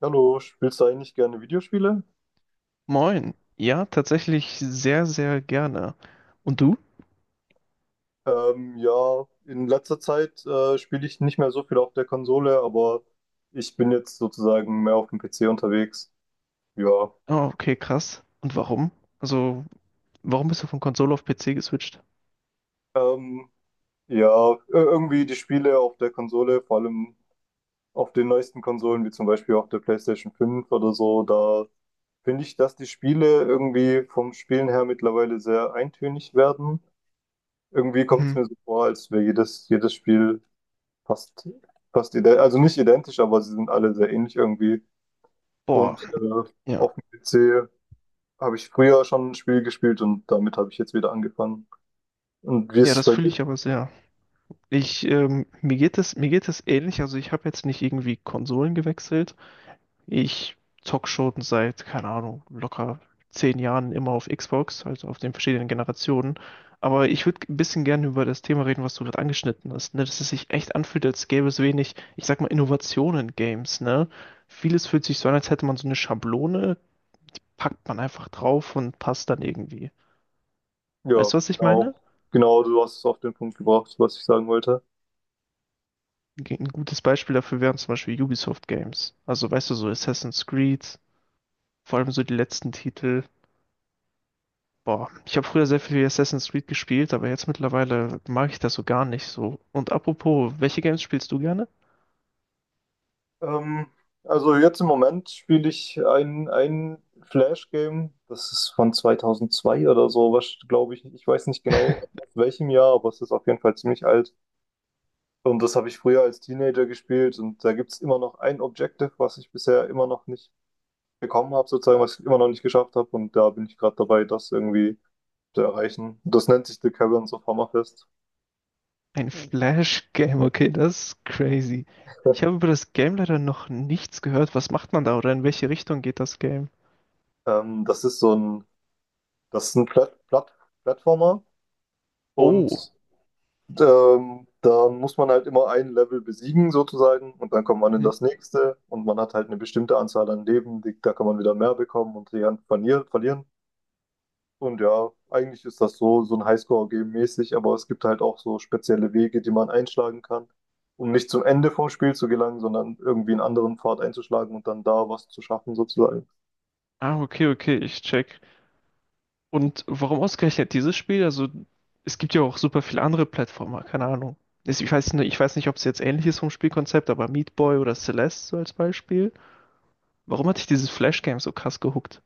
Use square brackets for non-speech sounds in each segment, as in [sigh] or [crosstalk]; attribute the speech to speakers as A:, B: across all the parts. A: Hallo, spielst du eigentlich gerne Videospiele?
B: Moin. Ja, tatsächlich sehr, sehr gerne. Und du?
A: Ja, in letzter Zeit spiele ich nicht mehr so viel auf der Konsole, aber ich bin jetzt sozusagen mehr auf dem PC unterwegs. Ja,
B: Oh, okay, krass. Und warum? Also, warum bist du von Konsole auf PC geswitcht?
A: ähm, irgendwie die Spiele auf der Konsole, vor allem auf den neuesten Konsolen, wie zum Beispiel auf der PlayStation 5 oder so, da finde ich, dass die Spiele irgendwie vom Spielen her mittlerweile sehr eintönig werden. Irgendwie kommt es
B: Mhm.
A: mir so vor, als wäre jedes Spiel Fast, fast ident, also nicht identisch, aber sie sind alle sehr ähnlich irgendwie.
B: Boah,
A: Und äh,
B: ja.
A: auf dem PC habe ich früher schon ein Spiel gespielt und damit habe ich jetzt wieder angefangen. Und wie ist
B: Ja,
A: es
B: das
A: bei
B: fühle ich
A: dir?
B: aber sehr. Ich, mir geht es ähnlich. Also, ich habe jetzt nicht irgendwie Konsolen gewechselt. Ich zock schon seit, keine Ahnung, locker 10 Jahren immer auf Xbox, also auf den verschiedenen Generationen. Aber ich würde ein bisschen gerne über das Thema reden, was du gerade angeschnitten hast, ne? Dass es sich echt anfühlt, als gäbe es wenig, ich sag mal, Innovationen in Games, ne? Vieles fühlt sich so an, als hätte man so eine Schablone, packt man einfach drauf und passt dann irgendwie.
A: Ja,
B: Weißt du, was ich
A: genau.
B: meine?
A: Genau, du hast es auf den Punkt gebracht, was ich sagen wollte.
B: Ein gutes Beispiel dafür wären zum Beispiel Ubisoft Games. Also, weißt du, so Assassin's Creed, vor allem so die letzten Titel. Boah, ich habe früher sehr viel Assassin's Creed gespielt, aber jetzt mittlerweile mag ich das so gar nicht so. Und apropos, welche Games spielst du gerne?
A: Ähm, also jetzt im Moment spiele ich ein Flash-Game. Das ist von 2002 oder so, was, glaube ich. Ich weiß nicht genau
B: [laughs]
A: aus welchem Jahr, aber es ist auf jeden Fall ziemlich alt. Und das habe ich früher als Teenager gespielt, und da gibt es immer noch ein Objective, was ich bisher immer noch nicht bekommen habe, sozusagen, was ich immer noch nicht geschafft habe, und da bin ich gerade dabei, das irgendwie zu erreichen. Das nennt sich The Caverns of Hammerfest.
B: Ein Flash-Game, okay, das ist crazy. Ich habe über das Game leider noch nichts gehört. Was macht man da oder in welche Richtung geht das Game?
A: Ähm, das ist so ein, Das ist ein Plattformer, und
B: Oh.
A: da muss man halt immer ein Level besiegen, sozusagen, und dann kommt man in
B: Hm.
A: das nächste, und man hat halt eine bestimmte Anzahl an Leben, die, da kann man wieder mehr bekommen und die kann verlieren. Und ja, eigentlich ist das so, so ein Highscore-Game mäßig, aber es gibt halt auch so spezielle Wege, die man einschlagen kann, um nicht zum Ende vom Spiel zu gelangen, sondern irgendwie einen anderen Pfad einzuschlagen und dann da was zu schaffen, sozusagen.
B: Ah, okay, okay, ich check. Und warum ausgerechnet dieses Spiel? Also, es gibt ja auch super viele andere Plattformer, keine Ahnung. Ich weiß nicht, ob es jetzt ähnlich ist vom Spielkonzept, aber Meat Boy oder Celeste so als Beispiel. Warum hat dich dieses Flash-Game so krass gehuckt?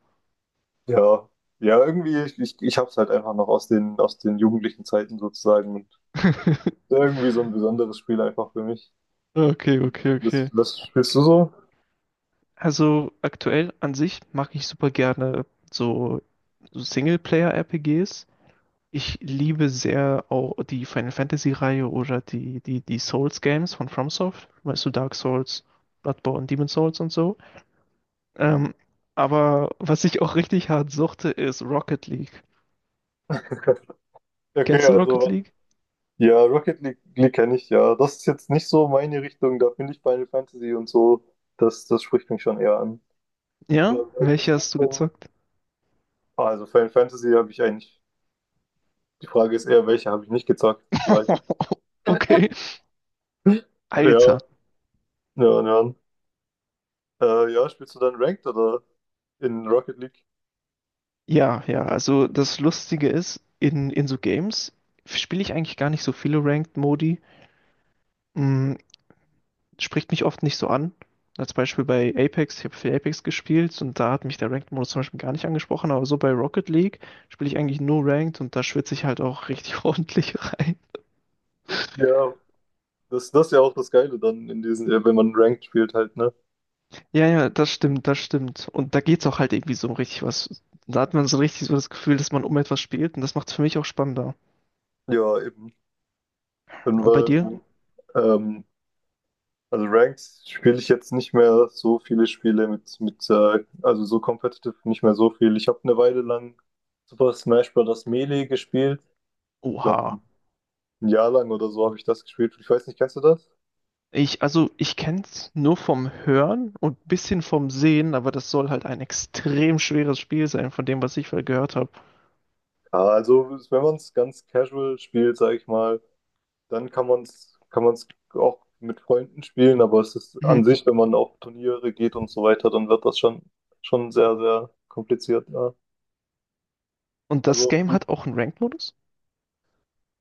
A: Ja, ja, irgendwie, ich hab's halt einfach noch aus den jugendlichen Zeiten, sozusagen, und
B: [laughs]
A: irgendwie so ein besonderes Spiel einfach für mich.
B: Okay, okay,
A: Was,
B: okay.
A: was spielst du so?
B: Also aktuell an sich mag ich super gerne so, so Singleplayer-RPGs. Ich liebe sehr auch die Final Fantasy-Reihe oder die Souls-Games von FromSoft. Weißt du, Dark Souls, Bloodborne, Demon Souls und so. Ähm, aber was ich auch richtig hart suchte, ist Rocket League.
A: [laughs] Okay,
B: Kennst du Rocket
A: also
B: League?
A: ja, Rocket League, League kenne ich ja. Das ist jetzt nicht so meine Richtung, da finde ich Final Fantasy und so, das spricht mich schon eher an. Äh,
B: Ja?
A: du
B: Welche hast
A: spielst
B: du
A: dann-
B: gezockt?
A: Ah, also Final Fantasy habe ich eigentlich. Die Frage ist eher, welche habe ich nicht gezockt, sozusagen.
B: [laughs] Okay.
A: [laughs] Ja,
B: Alter.
A: ja, ja. Ja, spielst du dann Ranked oder in Rocket League?
B: Ja, ja, also das Lustige ist, in so Games spiele ich eigentlich gar nicht so viele Ranked-Modi. Mm, spricht mich oft nicht so an. Als Beispiel bei Apex, ich habe viel Apex gespielt und da hat mich der Ranked-Modus zum Beispiel gar nicht angesprochen, aber so bei Rocket League spiele ich eigentlich nur Ranked und da schwitze ich halt auch richtig [laughs] ordentlich rein.
A: Ja, das ist ja auch das Geile dann in diesen, wenn man Ranked spielt halt, ne?
B: Ja, ja, das stimmt, das stimmt. Und da geht's auch halt irgendwie so um richtig was. Da hat man so richtig so das Gefühl, dass man um etwas spielt und das macht's für mich auch spannender.
A: Ja, eben. Und
B: Und bei
A: weil,
B: dir?
A: ähm, also Ranked spiele ich jetzt nicht mehr so viele Spiele mit, also so competitive nicht mehr so viel. Ich habe eine Weile lang Super Smash Bros. Melee gespielt. Ich glaube,
B: Oha.
A: ein Jahr lang oder so habe ich das gespielt. Ich weiß nicht, kennst du das?
B: Ich, also ich kenne es nur vom Hören und ein bisschen vom Sehen, aber das soll halt ein extrem schweres Spiel sein, von dem, was ich vorher gehört habe.
A: Ja, also wenn man es ganz casual spielt, sage ich mal, dann kann man es auch mit Freunden spielen, aber es ist an
B: Mhm.
A: sich, wenn man auf Turniere geht und so weiter, dann wird das schon sehr, sehr kompliziert. Ja.
B: Und das
A: Also
B: Game hat auch einen Ranked-Modus?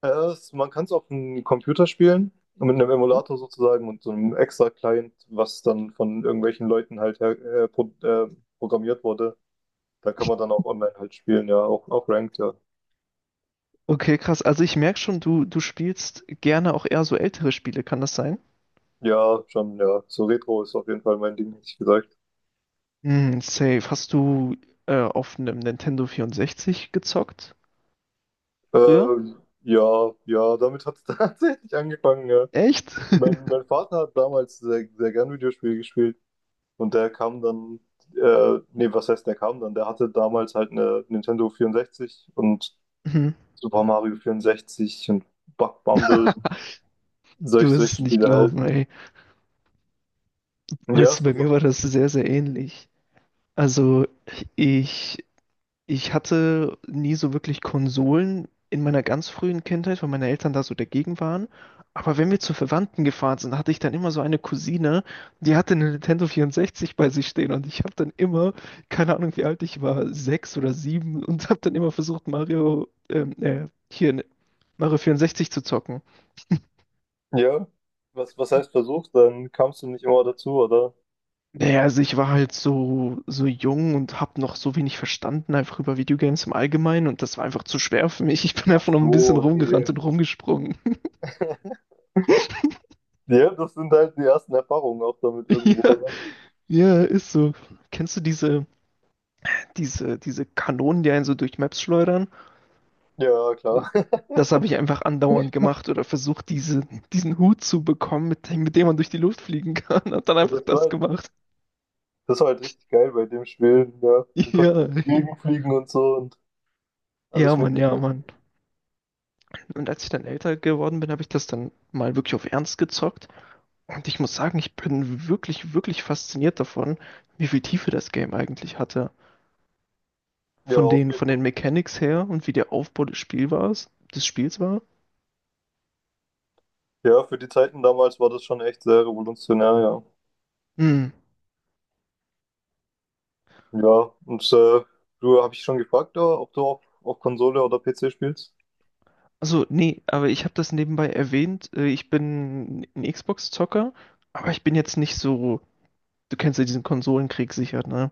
A: man kann es auf dem Computer spielen, mit einem
B: Mhm.
A: Emulator sozusagen und so einem extra Client, was dann von irgendwelchen Leuten halt her, äh, pro, äh, programmiert wurde. Da kann man dann auch online halt spielen, ja, auch, auch ranked, ja.
B: Okay, krass. Also ich merke schon, du spielst gerne auch eher so ältere Spiele, kann das sein?
A: Ja, schon, ja. So Retro ist auf jeden Fall mein Ding, hätte ich gesagt.
B: Hm, safe. Hast du auf einem Nintendo 64 gezockt früher?
A: Ja, ja, damit hat es [laughs] tatsächlich angefangen, ja.
B: Echt? [laughs]
A: Mein Vater hat damals sehr, sehr gern Videospiele gespielt, und der kam dann, nee, was heißt, der kam dann? Der hatte damals halt eine Nintendo 64 und
B: Mhm.
A: Super Mario 64 und Bug Bumble, solche,
B: Du wirst
A: solche
B: es nicht
A: Spiele halt.
B: glauben, ey.
A: Ja,
B: Weißt
A: ist
B: du, bei
A: das, doch.
B: mir war das sehr, sehr ähnlich. Also ich ich hatte nie so wirklich Konsolen in meiner ganz frühen Kindheit, weil meine Eltern da so dagegen waren. Aber wenn wir zu Verwandten gefahren sind, hatte ich dann immer so eine Cousine, die hatte eine Nintendo 64 bei sich stehen und ich habe dann immer, keine Ahnung wie alt ich war, sechs oder sieben und habe dann immer versucht, hier, ne, Mario 64 zu zocken.
A: Ja. Was heißt versucht? Dann kamst du nicht immer dazu, oder?
B: Naja, also ich war halt so, so jung und habe noch so wenig verstanden, einfach über Videogames im Allgemeinen und das war einfach zu schwer für mich. Ich bin
A: Ach
B: einfach noch ein bisschen
A: so, okay.
B: rumgerannt und rumgesprungen.
A: [laughs] Ja, das sind halt die ersten Erfahrungen auch damit irgendwo.
B: Ja,
A: Oder?
B: ja, ist so. Kennst du diese Kanonen, die einen so durch Maps schleudern?
A: Ja, klar.
B: Das habe ich einfach andauernd gemacht oder versucht, diesen Hut zu bekommen, mit dem man durch die Luft fliegen kann. [laughs] Hab dann
A: [laughs]
B: einfach
A: Das war
B: das
A: halt,
B: gemacht.
A: das war halt richtig geil bei dem Spiel. Ja, man konnte
B: Ja,
A: durch die Gegend fliegen und so und
B: [laughs] ja,
A: alles
B: Mann,
A: Mögliche.
B: ja, Mann. Und als ich dann älter geworden bin, habe ich das dann mal wirklich auf Ernst gezockt. Und ich muss sagen, ich bin wirklich, wirklich fasziniert davon, wie viel Tiefe das Game eigentlich hatte.
A: Ja,
B: Von
A: auf jeden
B: von den
A: Fall.
B: Mechanics her und wie der Aufbau des Spiels war.
A: Ja, für die Zeiten damals war das schon echt sehr revolutionär, ja.
B: Hm.
A: Ja, und äh, du habe ich schon gefragt, ja, ob du auf Konsole oder PC spielst?
B: Also, nee, aber ich habe das nebenbei erwähnt. Ich bin ein Xbox-Zocker, aber ich bin jetzt nicht so. Du kennst ja diesen Konsolenkrieg sicher, ne?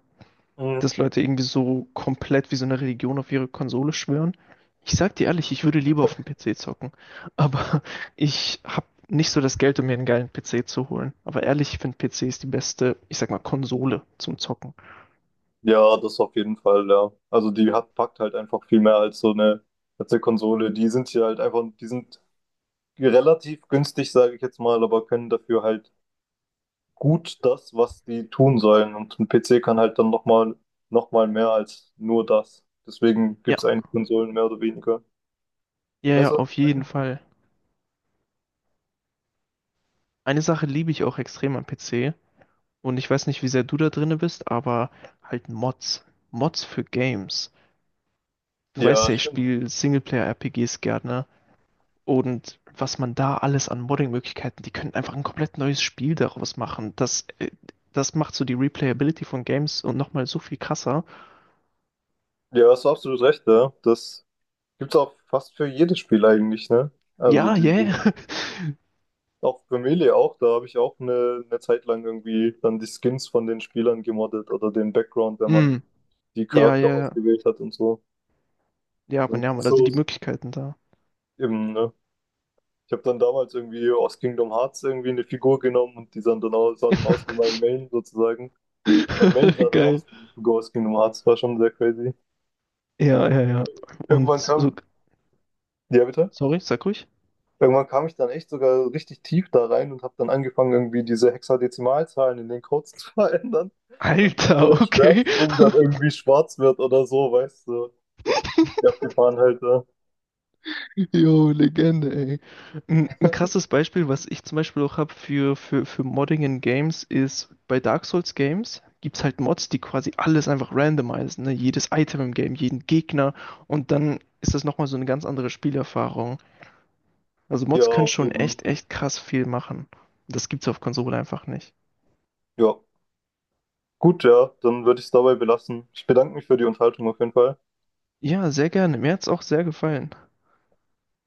A: Mhm.
B: Dass Leute irgendwie so komplett wie so eine Religion auf ihre Konsole schwören. Ich sag dir ehrlich, ich würde lieber auf dem PC zocken. Aber [laughs] ich hab nicht so das Geld, um mir einen geilen PC zu holen. Aber ehrlich, ich finde PC ist die beste, ich sag mal, Konsole zum Zocken.
A: Ja, das auf jeden Fall, ja. Also die hat, packt halt einfach viel mehr als so eine, als eine Konsole. Die sind hier halt einfach, die sind relativ günstig, sage ich jetzt mal, aber können dafür halt gut das, was die tun sollen. Und ein PC kann halt dann noch mal mehr als nur das. Deswegen
B: Ja,
A: gibt es eigentlich Konsolen mehr oder weniger.
B: ja,
A: Weißt
B: ja,
A: du, was
B: auf
A: ich
B: jeden
A: meine?
B: Fall. Eine Sache liebe ich auch extrem am PC. Und ich weiß nicht, wie sehr du da drinne bist, aber halt Mods. Mods für Games. Du weißt
A: Ja,
B: ja, ich
A: stimmt.
B: spiele Singleplayer-RPGs gerne. Und was man da alles an Modding-Möglichkeiten, die können einfach ein komplett neues Spiel daraus machen. Das macht so die Replayability von Games und nochmal so viel krasser.
A: Ja, hast du absolut recht, ja. Das gibt's auch fast für jedes Spiel eigentlich, ne? Also
B: Ja,
A: diese,
B: yeah. [laughs]
A: auch für Melee auch, da habe ich auch eine Zeit lang irgendwie dann die Skins von den Spielern gemoddet oder den Background, wenn
B: Hm.
A: man die
B: Ja,
A: Charakter
B: ja, ja.
A: ausgewählt hat und so.
B: Ja, aber
A: Und
B: ja, man, da
A: so
B: sind die
A: ist
B: Möglichkeiten da.
A: eben, ne? Ich habe dann damals irgendwie aus Kingdom Hearts irgendwie eine Figur genommen und die sah dann aus wie mein
B: [laughs]
A: Main, sozusagen. Mein Main sah dann
B: Geil.
A: aus wie die Figur aus Kingdom Hearts, war schon sehr crazy.
B: Ja, ja, ja. Und
A: Irgendwann
B: so,
A: kam, ja bitte?
B: sorry, sag ruhig.
A: Irgendwann kam ich dann echt sogar richtig tief da rein und habe dann angefangen, irgendwie diese Hexadezimalzahlen in den Codes [laughs] zu verändern. Damit der
B: Alter, okay.
A: Schwertsprung dann irgendwie schwarz wird oder so, weißt du.
B: [laughs]
A: Ja, abgefahren halt. Ja,
B: Jo, Legende, ey. Ein krasses Beispiel, was ich zum Beispiel auch habe für, für Modding in Games, ist bei Dark Souls Games gibt es halt Mods, die quasi alles einfach randomisieren, ne? Jedes Item im Game, jeden Gegner und dann ist das nochmal so eine ganz andere Spielerfahrung. Also
A: ja,
B: Mods können
A: auf
B: schon
A: jeden Fall.
B: echt, echt krass viel machen. Das gibt's auf Konsole einfach nicht.
A: Ja, gut, ja, dann würde ich es dabei belassen. Ich bedanke mich für die Unterhaltung auf jeden Fall.
B: Ja, sehr gerne. Mir hat's auch sehr gefallen.